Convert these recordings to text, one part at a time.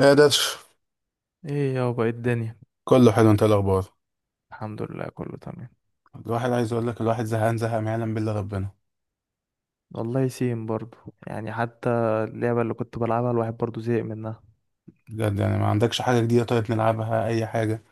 ايه ده؟ ايه يابا ايه الدنيا. كله حلو، انت إيه الاخبار؟ الحمد لله، كله تمام. الواحد عايز اقول لك الواحد زهقان زهق ما يعلم بالله ربنا. والله سيم برضو، يعني حتى اللعبة اللي كنت بلعبها الواحد برضو زهق منها. بجد؟ يعني ما عندكش حاجه جديده؟ طيب نلعبها اي حاجه.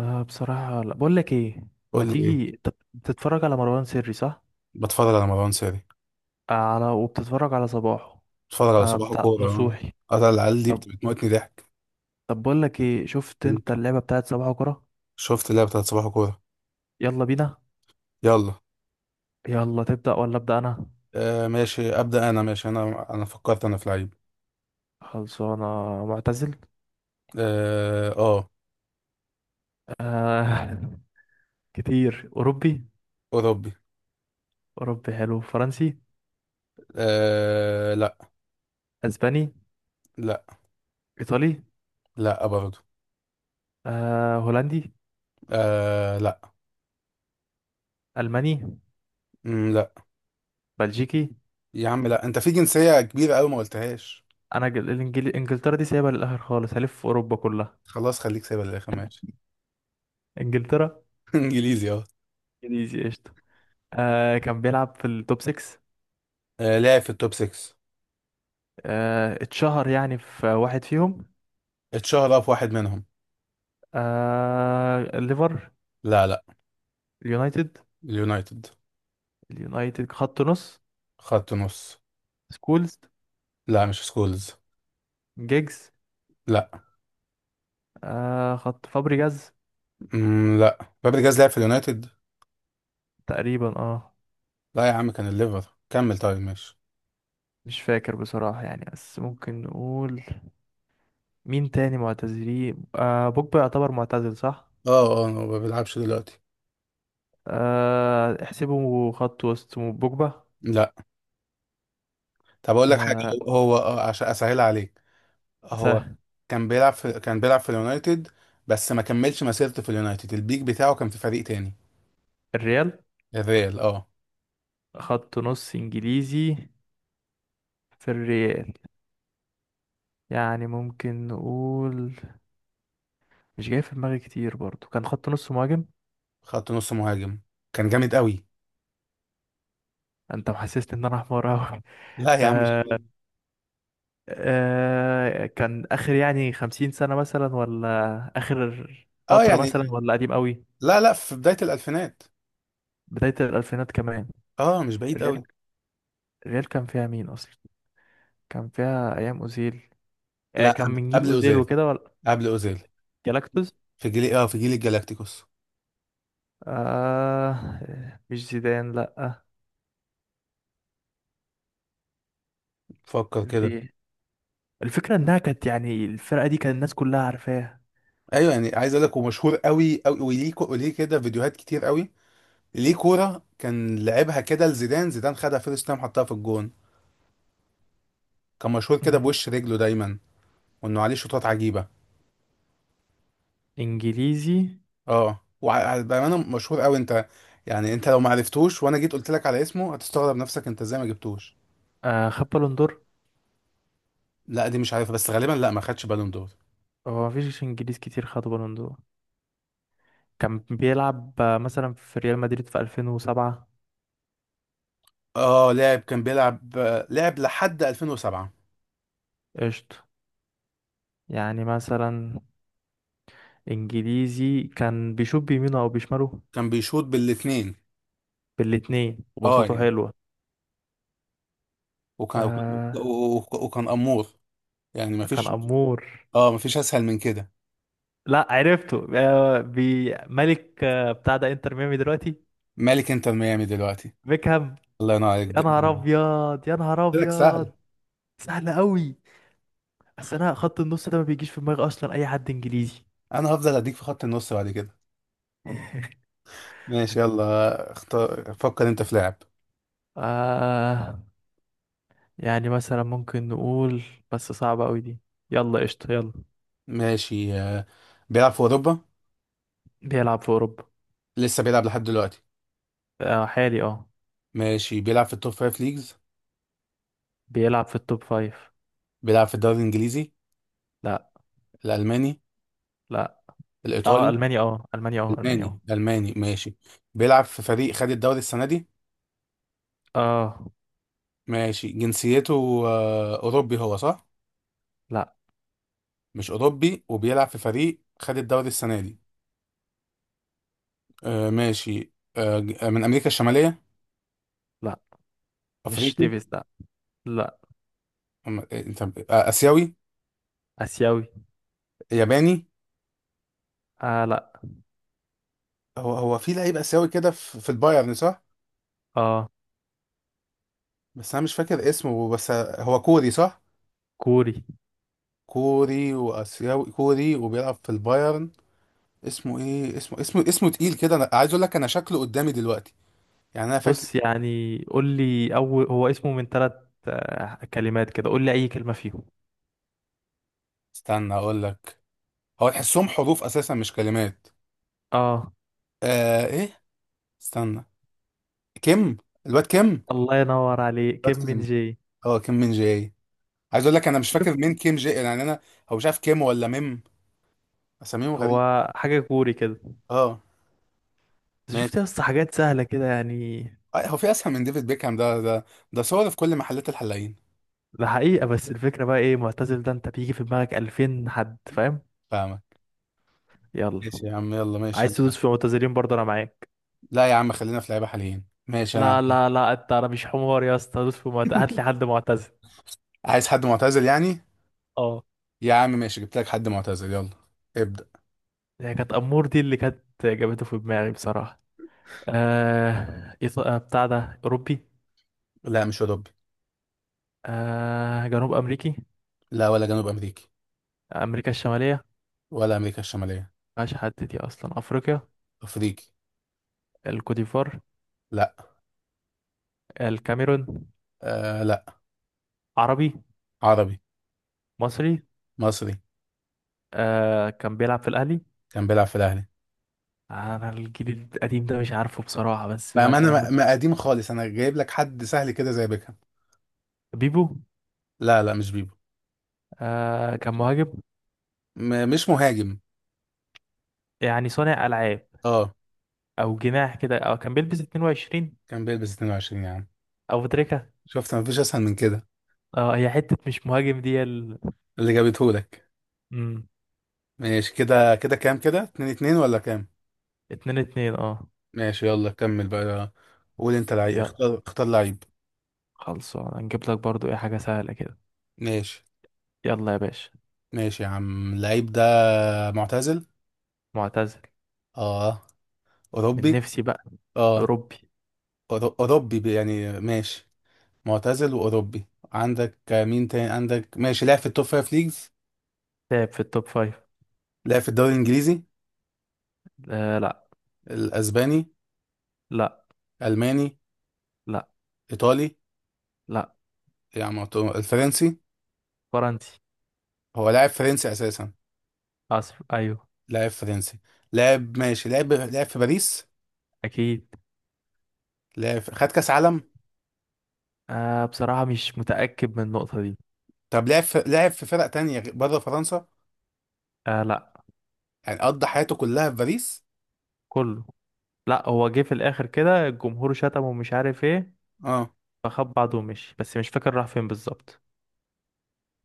أه، بصراحة لا. بقول لك ايه، ما قول لي ايه. تيجي بتتفرج على مروان سري، صح؟ بتفرج على مروان ساري. آه، وبتتفرج على صباحه. بتفرج على أه، صباح بتاع كوره. نصوحي. اه، أنا العيال دي طب بتموتني ضحك. طب بقول لك ايه، شفت قول. انت اللعبة بتاعت صباحه كرة؟ شفت اللعبه بتاعت صباح كوره. يلا بينا. يلا. يلا تبدأ ولا أبدأ انا؟ آه ماشي، ابدا انا، ماشي انا فكرت انا في لعيب. خلصانة. معتزل. اه آه، أه. كتير. اوروبي. اوروبي. اوروبي حلو. فرنسي. آه لا. اسباني. لا. ايطالي. لا برضه. آه، هولندي. آه لا. ألماني. لا. بلجيكي. يا عم لا، انت في جنسيه كبيره قوي ما قلتهاش. أنا إنجلترا دي سايبها للآخر خالص، هلف في أوروبا كلها. خلاص خليك سايبها للاخر، ماشي. إنجلترا. انجليزي، اه. إنجليزي قشطة. آه، كان بيلعب في التوب 6. آه، لاعب في التوب 6. آه، اتشهر يعني في واحد فيهم. اتشهر في واحد منهم. آه، الليفر. لا، لا. اليونايتد. اليونايتد، اليونايتد، خط نص. خط نص. سكولز. لا مش سكولز. جيجز. لا. آه، خط فابريجاز. لا، فابريجاز لعب في اليونايتد؟ تقريبا، اه. لا يا عم، كان الليفر، كمل طيب، ماشي. مش فاكر بصراحة يعني، بس ممكن نقول مين تاني معتزلين. آه، بوجبا يعتبر معتزل صح؟ اه. اه، هو ما بيلعبش دلوقتي. آه، احسبه خط وسط بوجبا. لا. طب اقول لك حاجه. آه. عشان اسهل عليك، هو سهل. كان بيلعب في اليونايتد، بس ما كملش مسيرته في اليونايتد، البيك بتاعه كان في فريق تاني. الريال. الريال، اه. خط نص انجليزي في الريال. يعني ممكن نقول، مش جاي في دماغي كتير برضو. كان خط نص مهاجم. خط نص مهاجم. كان جامد قوي. انت محسسني ان انا حمار اوي. لا يا عم. آه. آه، كان اخر يعني 50 سنة مثلا، ولا اخر اه فترة مثلا، يعني. ولا قديم قوي. لا لا، في بداية الألفينات. بداية الالفينات كمان. اه مش بعيد الريال. قوي. الريال كان فيها مين اصلا؟ كان فيها ايام اوزيل. آه، لا كان قبل من جيل قبل اوزيل أوزيل. وكده ولا؟ قبل أوزيل. جالاكتوس. في جيل الجالاكتيكوس. آه. مش زيدان، لأ. فكر كده. في الفكرة إنها كانت يعني الفرقة دي كان الناس كلها عارفاها. ايوه يعني، عايز اقول لك ومشهور قوي قوي، وليه وليه كده فيديوهات كتير قوي. ليه كورة كان لعبها كده لزيدان، زيدان خدها فيرست تايم حطها في الجون. كان مشهور كده مم. بوش رجله دايما، وانه عليه شوطات عجيبة. إنجليزي. اه، وبأمانة مشهور قوي انت، يعني انت لو ما عرفتوش وانا جيت قلت لك على اسمه هتستغرب نفسك انت ازاي ما جبتوش. آه، خد بالون دور؟ لا دي مش عارفه، بس غالبا لا ما خدش بالون دور. هو مفيش إنجليز كتير خد بالون دور. كان بيلعب آه، مثلا في ريال مدريد في 2007. اه، لاعب كان بيلعب آه، لعب لحد 2007. قشطة. يعني مثلا إنجليزي، كان بيشوط بيمينه أو بيشماله؟ كان بيشوط بالاثنين. بالاتنين، اه وبساطته يعني. حلوة. وكان وكان آه. وكان امور. يعني ما كان فيش. أمور. اه، ما فيش اسهل من كده. لأ عرفته. آه، بي ملك آه، بتاع ده إنتر ميامي دلوقتي. مالك انتر ميامي دلوقتي؟ بيكهام. الله ينور عليك يا ده. نهار قلت ابيض، يا نهار لك سهل. ابيض. سهله قوي. بس انا خط النص ده ما بيجيش في دماغي اصلا اي حد انجليزي. انا هفضل اديك في خط النص بعد كده. ماشي، يلا اختار، فكر انت في لاعب. آه. يعني مثلا ممكن نقول، بس صعبه قوي دي. يلا قشطه، يلا. ماشي، آه، بيلعب في اوروبا. بيلعب في اوروبا. لسه بيلعب لحد دلوقتي. آه، حالي اه. ماشي، بيلعب في التوب فايف ليجز. بيلعب في التوب فايف. بيلعب في الدوري الانجليزي؟ لا. الالماني؟ لا. اه الايطالي؟ المانيا، اه المانيا، اه المانيا، ألماني، اه. ألماني، ماشي. بيلعب في فريق خد الدوري السنة دي. اه. ماشي، جنسيته آه، أوروبي هو صح؟ لا. مش أوروبي وبيلعب في فريق خد الدوري السنة دي. آه، ماشي. من أمريكا الشمالية؟ لا، مش أفريقي؟ تيفيز، لا. لا. أم- آه، طب، آه، آسيوي؟ اسيوي. ياباني؟ اه. لا. هو في لعيب آسيوي كده في البايرن صح؟ اه. بس أنا مش فاكر اسمه، بس آه، هو كوري صح؟ كوري. كوري، وآسيوي كوري، وبيلعب في البايرن. اسمه ايه؟ اسمه تقيل كده. انا عايز اقول لك انا شكله قدامي دلوقتي، يعني انا فاكر. بص، يعني قول لي أول هو اسمه من ثلاث كلمات كده، قول لي أي كلمة فيهم. استنى اقول لك. هو تحسهم حروف اساسا مش كلمات. اه. آه ايه، استنى. كيم. الواد كيم. الله ينور عليك، الواد كيم من كيم. جي. اه، كيم من جاي. عايز اقول لك انا مش فاكر شفت. مين كيم جاي يعني انا. هو مش عارف كيم ولا ميم، اساميهم غريب. هو حاجة كوري كده. اه. بس ماشي، شفت يا اسطى، حاجات سهلة كده يعني. آه، هو في اسهل من ديفيد بيكهام؟ ده ده صور في كل محلات الحلاقين. ده حقيقة، بس الفكرة بقى ايه معتزل ده، انت بيجي في دماغك 2000 حد، فاهم؟ فاهمك. يلا. ماشي يا عم، يلا، ماشي عايز تدوس انا. في معتزلين برضه، انا معاك. لا يا عم خلينا في لعيبه حاليين، ماشي انا لا عندي. لا لا، انت انا مش حمار يا اسطى، دوس في معتزل، هات لي حد معتزل. عايز حد معتزل يعني؟ اه. يا عم ماشي، جبت لك حد معتزل، يلا ابدأ. هي كانت امور دي اللي كانت جابته في دماغي بصراحة. بتاع ده أوروبي. لا مش اوروبي. آه، جنوب أمريكي. لا ولا جنوب امريكي. أمريكا الشمالية. ولا امريكا الشماليه. مفيهاش حد دي أصلا. أفريقيا. افريقي. الكوديفوار. لا. الكاميرون. آه لا. عربي. عربي. مصري. مصري. آه، كان بيلعب في الأهلي. كان بيلعب في الاهلي. أنا الجيل القديم ده مش عارفه بصراحة، بس ما ما انا مثلا ما ممكن. ما قديم خالص، انا جايب لك حد سهل كده زي بيكهام. بيبو. لا لا مش بيبو. آه، كان مهاجم. مش مهاجم. يعني صانع ألعاب اه، أو جناح كده، أو كان بيلبس 22 كان بيلبس 22 يا عم. أو تريكة. شفت مفيش اسهل من كده. اه، هي حتة مش مهاجم دي اللي جابته لك. مم. ماشي كده، كده كام؟ كده 2-2 ولا كام؟ اتنين اتنين اه. ماشي، يلا كمل بقى. قول انت لعيب، اختار، اختار لعيب. خلصان. هنجيب لك برضو ايه حاجة سهلة كده. ماشي. يلا يا باشا. ماشي يا عم، اللعيب ده معتزل. معتزل. اه. من اوروبي. نفسي بقى. اه. أوروبي. اوروبي، يعني ماشي، معتزل وأوروبي. عندك مين تاني عندك؟ ماشي، لعب في التوب فايف ليجز. لعب في التوب فايف. لعب في الدوري الإنجليزي؟ آه، لا. الأسباني؟ لا. ألماني؟ لا. إيطالي؟ لا. يعني ما تو- الفرنسي. فرنسي. هو لاعب فرنسي أساسا. أسف أيوه. لاعب فرنسي، لاعب، ماشي. لعب في باريس. أكيد. خد كأس عالم. آه، بصراحة مش متأكد من النقطة دي. طب لعب في فرق تانية بره فرنسا؟ آه، لا. يعني قضى حياته كلها في باريس؟ كله. لا، هو جه في الآخر كده الجمهور شتمه ومش عارف ايه، اه. فخد بعضه ومشي، بس مش فاكر راح فين بالظبط.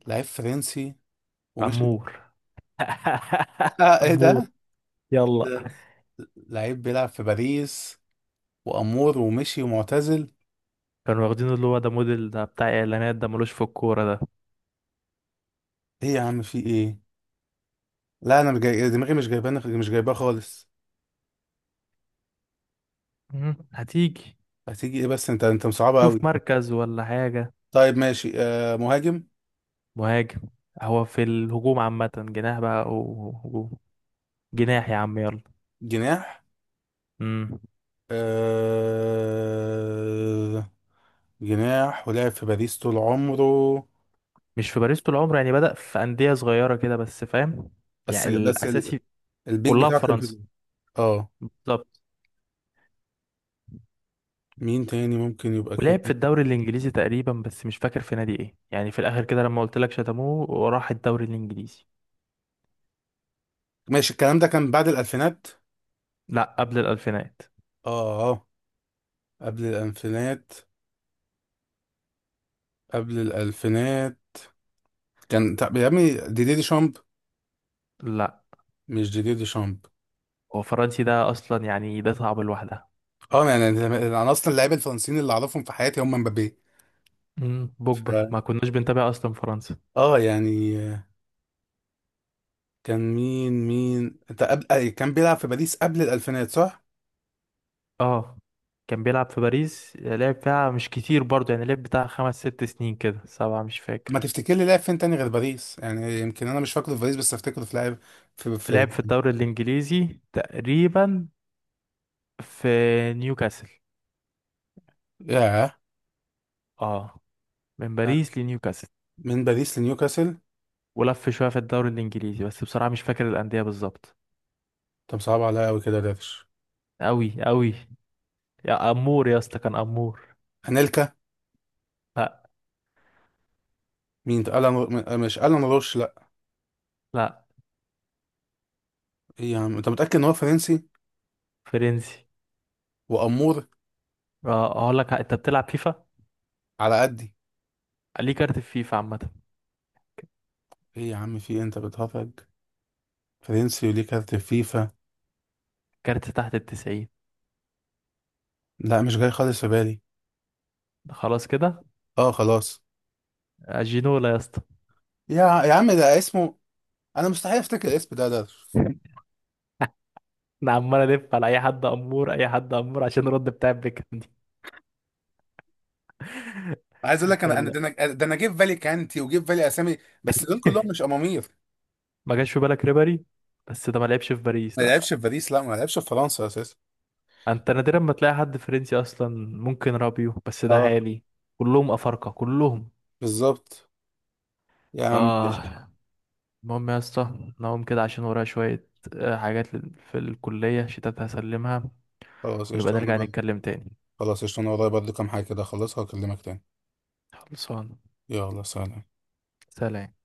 لعيب فرنسي ومش أمور. اه ايه أمور. ده؟ إيه يلا. ده؟ لعيب بيلعب في باريس، وأمور، ومشي، ومعتزل. كانوا واخدينه اللي هو ده موديل ده بتاع إعلانات، ده ملوش في الكورة ده. ايه يا عم؟ في ايه؟ لا انا مش جاي دماغي، مش جايبانه، مش جايباه خالص. مم، هتيجي. هتيجي ايه بس انت؟ انت مصعبه شوف قوي. مركز ولا حاجة. طيب ماشي، آه، مهاجم؟ مهاجم. هو في الهجوم عامة، جناح بقى أو هجوم. جناح يا عم يلا. جناح؟ مم. آه، جناح، ولعب في باريس طول عمره؟ مش في باريس طول عمره، يعني بدأ في أندية صغيرة كده بس، فاهم؟ بس يعني بس ال... الأساسي. البيك كلها في بتاعه كان فرنسا. في؟ اه. بالظبط. مين تاني ممكن يبقى ولعب في كده؟ الدوري الإنجليزي تقريبا، بس مش فاكر في نادي إيه. يعني في الآخر كده لما قلت لك، شتموه وراح الدوري الإنجليزي. ماشي، الكلام ده كان بعد الالفينات. لا، قبل الألفينات. اه، اه، قبل الالفينات، قبل الالفينات. كان، طب يا ابني ديدي دي شامب؟ لا، مش ديدي دي شامب؟ هو فرنسي ده أصلا، يعني ده صعب لوحدها. اه يعني انا، انا اصلا اللعيبه الفرنسيين اللي اعرفهم في حياتي هم مبابي. مم. ف... بوجبا ما كناش بنتابع أصلا فرنسا. اه يعني كان مين، مين انت قبل أي، كان بيلعب في باريس قبل الالفينات صح؟ اه. كان بيلعب في باريس، لعب فيها مش كتير برضه، يعني لعب بتاع خمس ست سنين كده، سبعة مش ما فاكر. تفتكر لي لاعب فين تاني غير باريس؟ يعني يمكن انا مش فاكره في باريس بس افتكره في لاعب في لعب في في الدوري الإنجليزي تقريبا، في نيوكاسل. ياه. اه، من آه، باريس لنيوكاسل. من باريس لنيوكاسل. ولف شوية في الدوري الإنجليزي، بس بصراحة مش فاكر الأندية بالظبط. طب صعب عليا قوي كده يا دارش. أوي أوي. يا أمور يا اسطى، كان أمور. انيلكا؟ لا. مين ده؟ الان مش الان روش، لا. لا. ايه يا عم، انت متاكد ان هو فرنسي فرنسي. وامور؟ اه، أقول لك أنت بتلعب فيفا؟ على قدي. ليه كارت في فيفا عامة. ايه يا عم؟ في إيه؟ انت بتهرج. فرنسي وليه كارت فيفا؟ كارت تحت الـ90. لا مش جاي خالص في بالي. خلاص كده. اه خلاص. آه، جينولا يا اسطى. يا عم ده اسمه، انا مستحيل افتكر الاسم ده. انا عمال الف على اي حد امور، اي حد امور عشان الرد بتاع بيكهام دي. عايز اقول لك انا، انا يلا. ده انا ده انا جه في بالي كانتي، وجه في بالي اسامي، بس دول كلهم مش امامير. ما جاش في بالك ريبري؟ بس ده ما لعبش في باريس، ما لا. لعبش في باريس، لا، ما لعبش في فرنسا اساسا. انت نادرا ما تلاقي حد فرنسي اصلا. ممكن رابيو، بس ده اه، حالي. كلهم افارقه كلهم. بالظبط. يا عم قشطة. اه. المهم يا اسطى نقوم كده عشان ورايا شويه، آه، حاجات في الكليه شتات هسلمها، خلاص ونبقى قشطة انا نرجع برضه. نتكلم تاني. خلاص قشطة انا ورايا برضه كام حاجة كده اخلصها واكلمك تاني. خلصان. يلا سلام. سلام.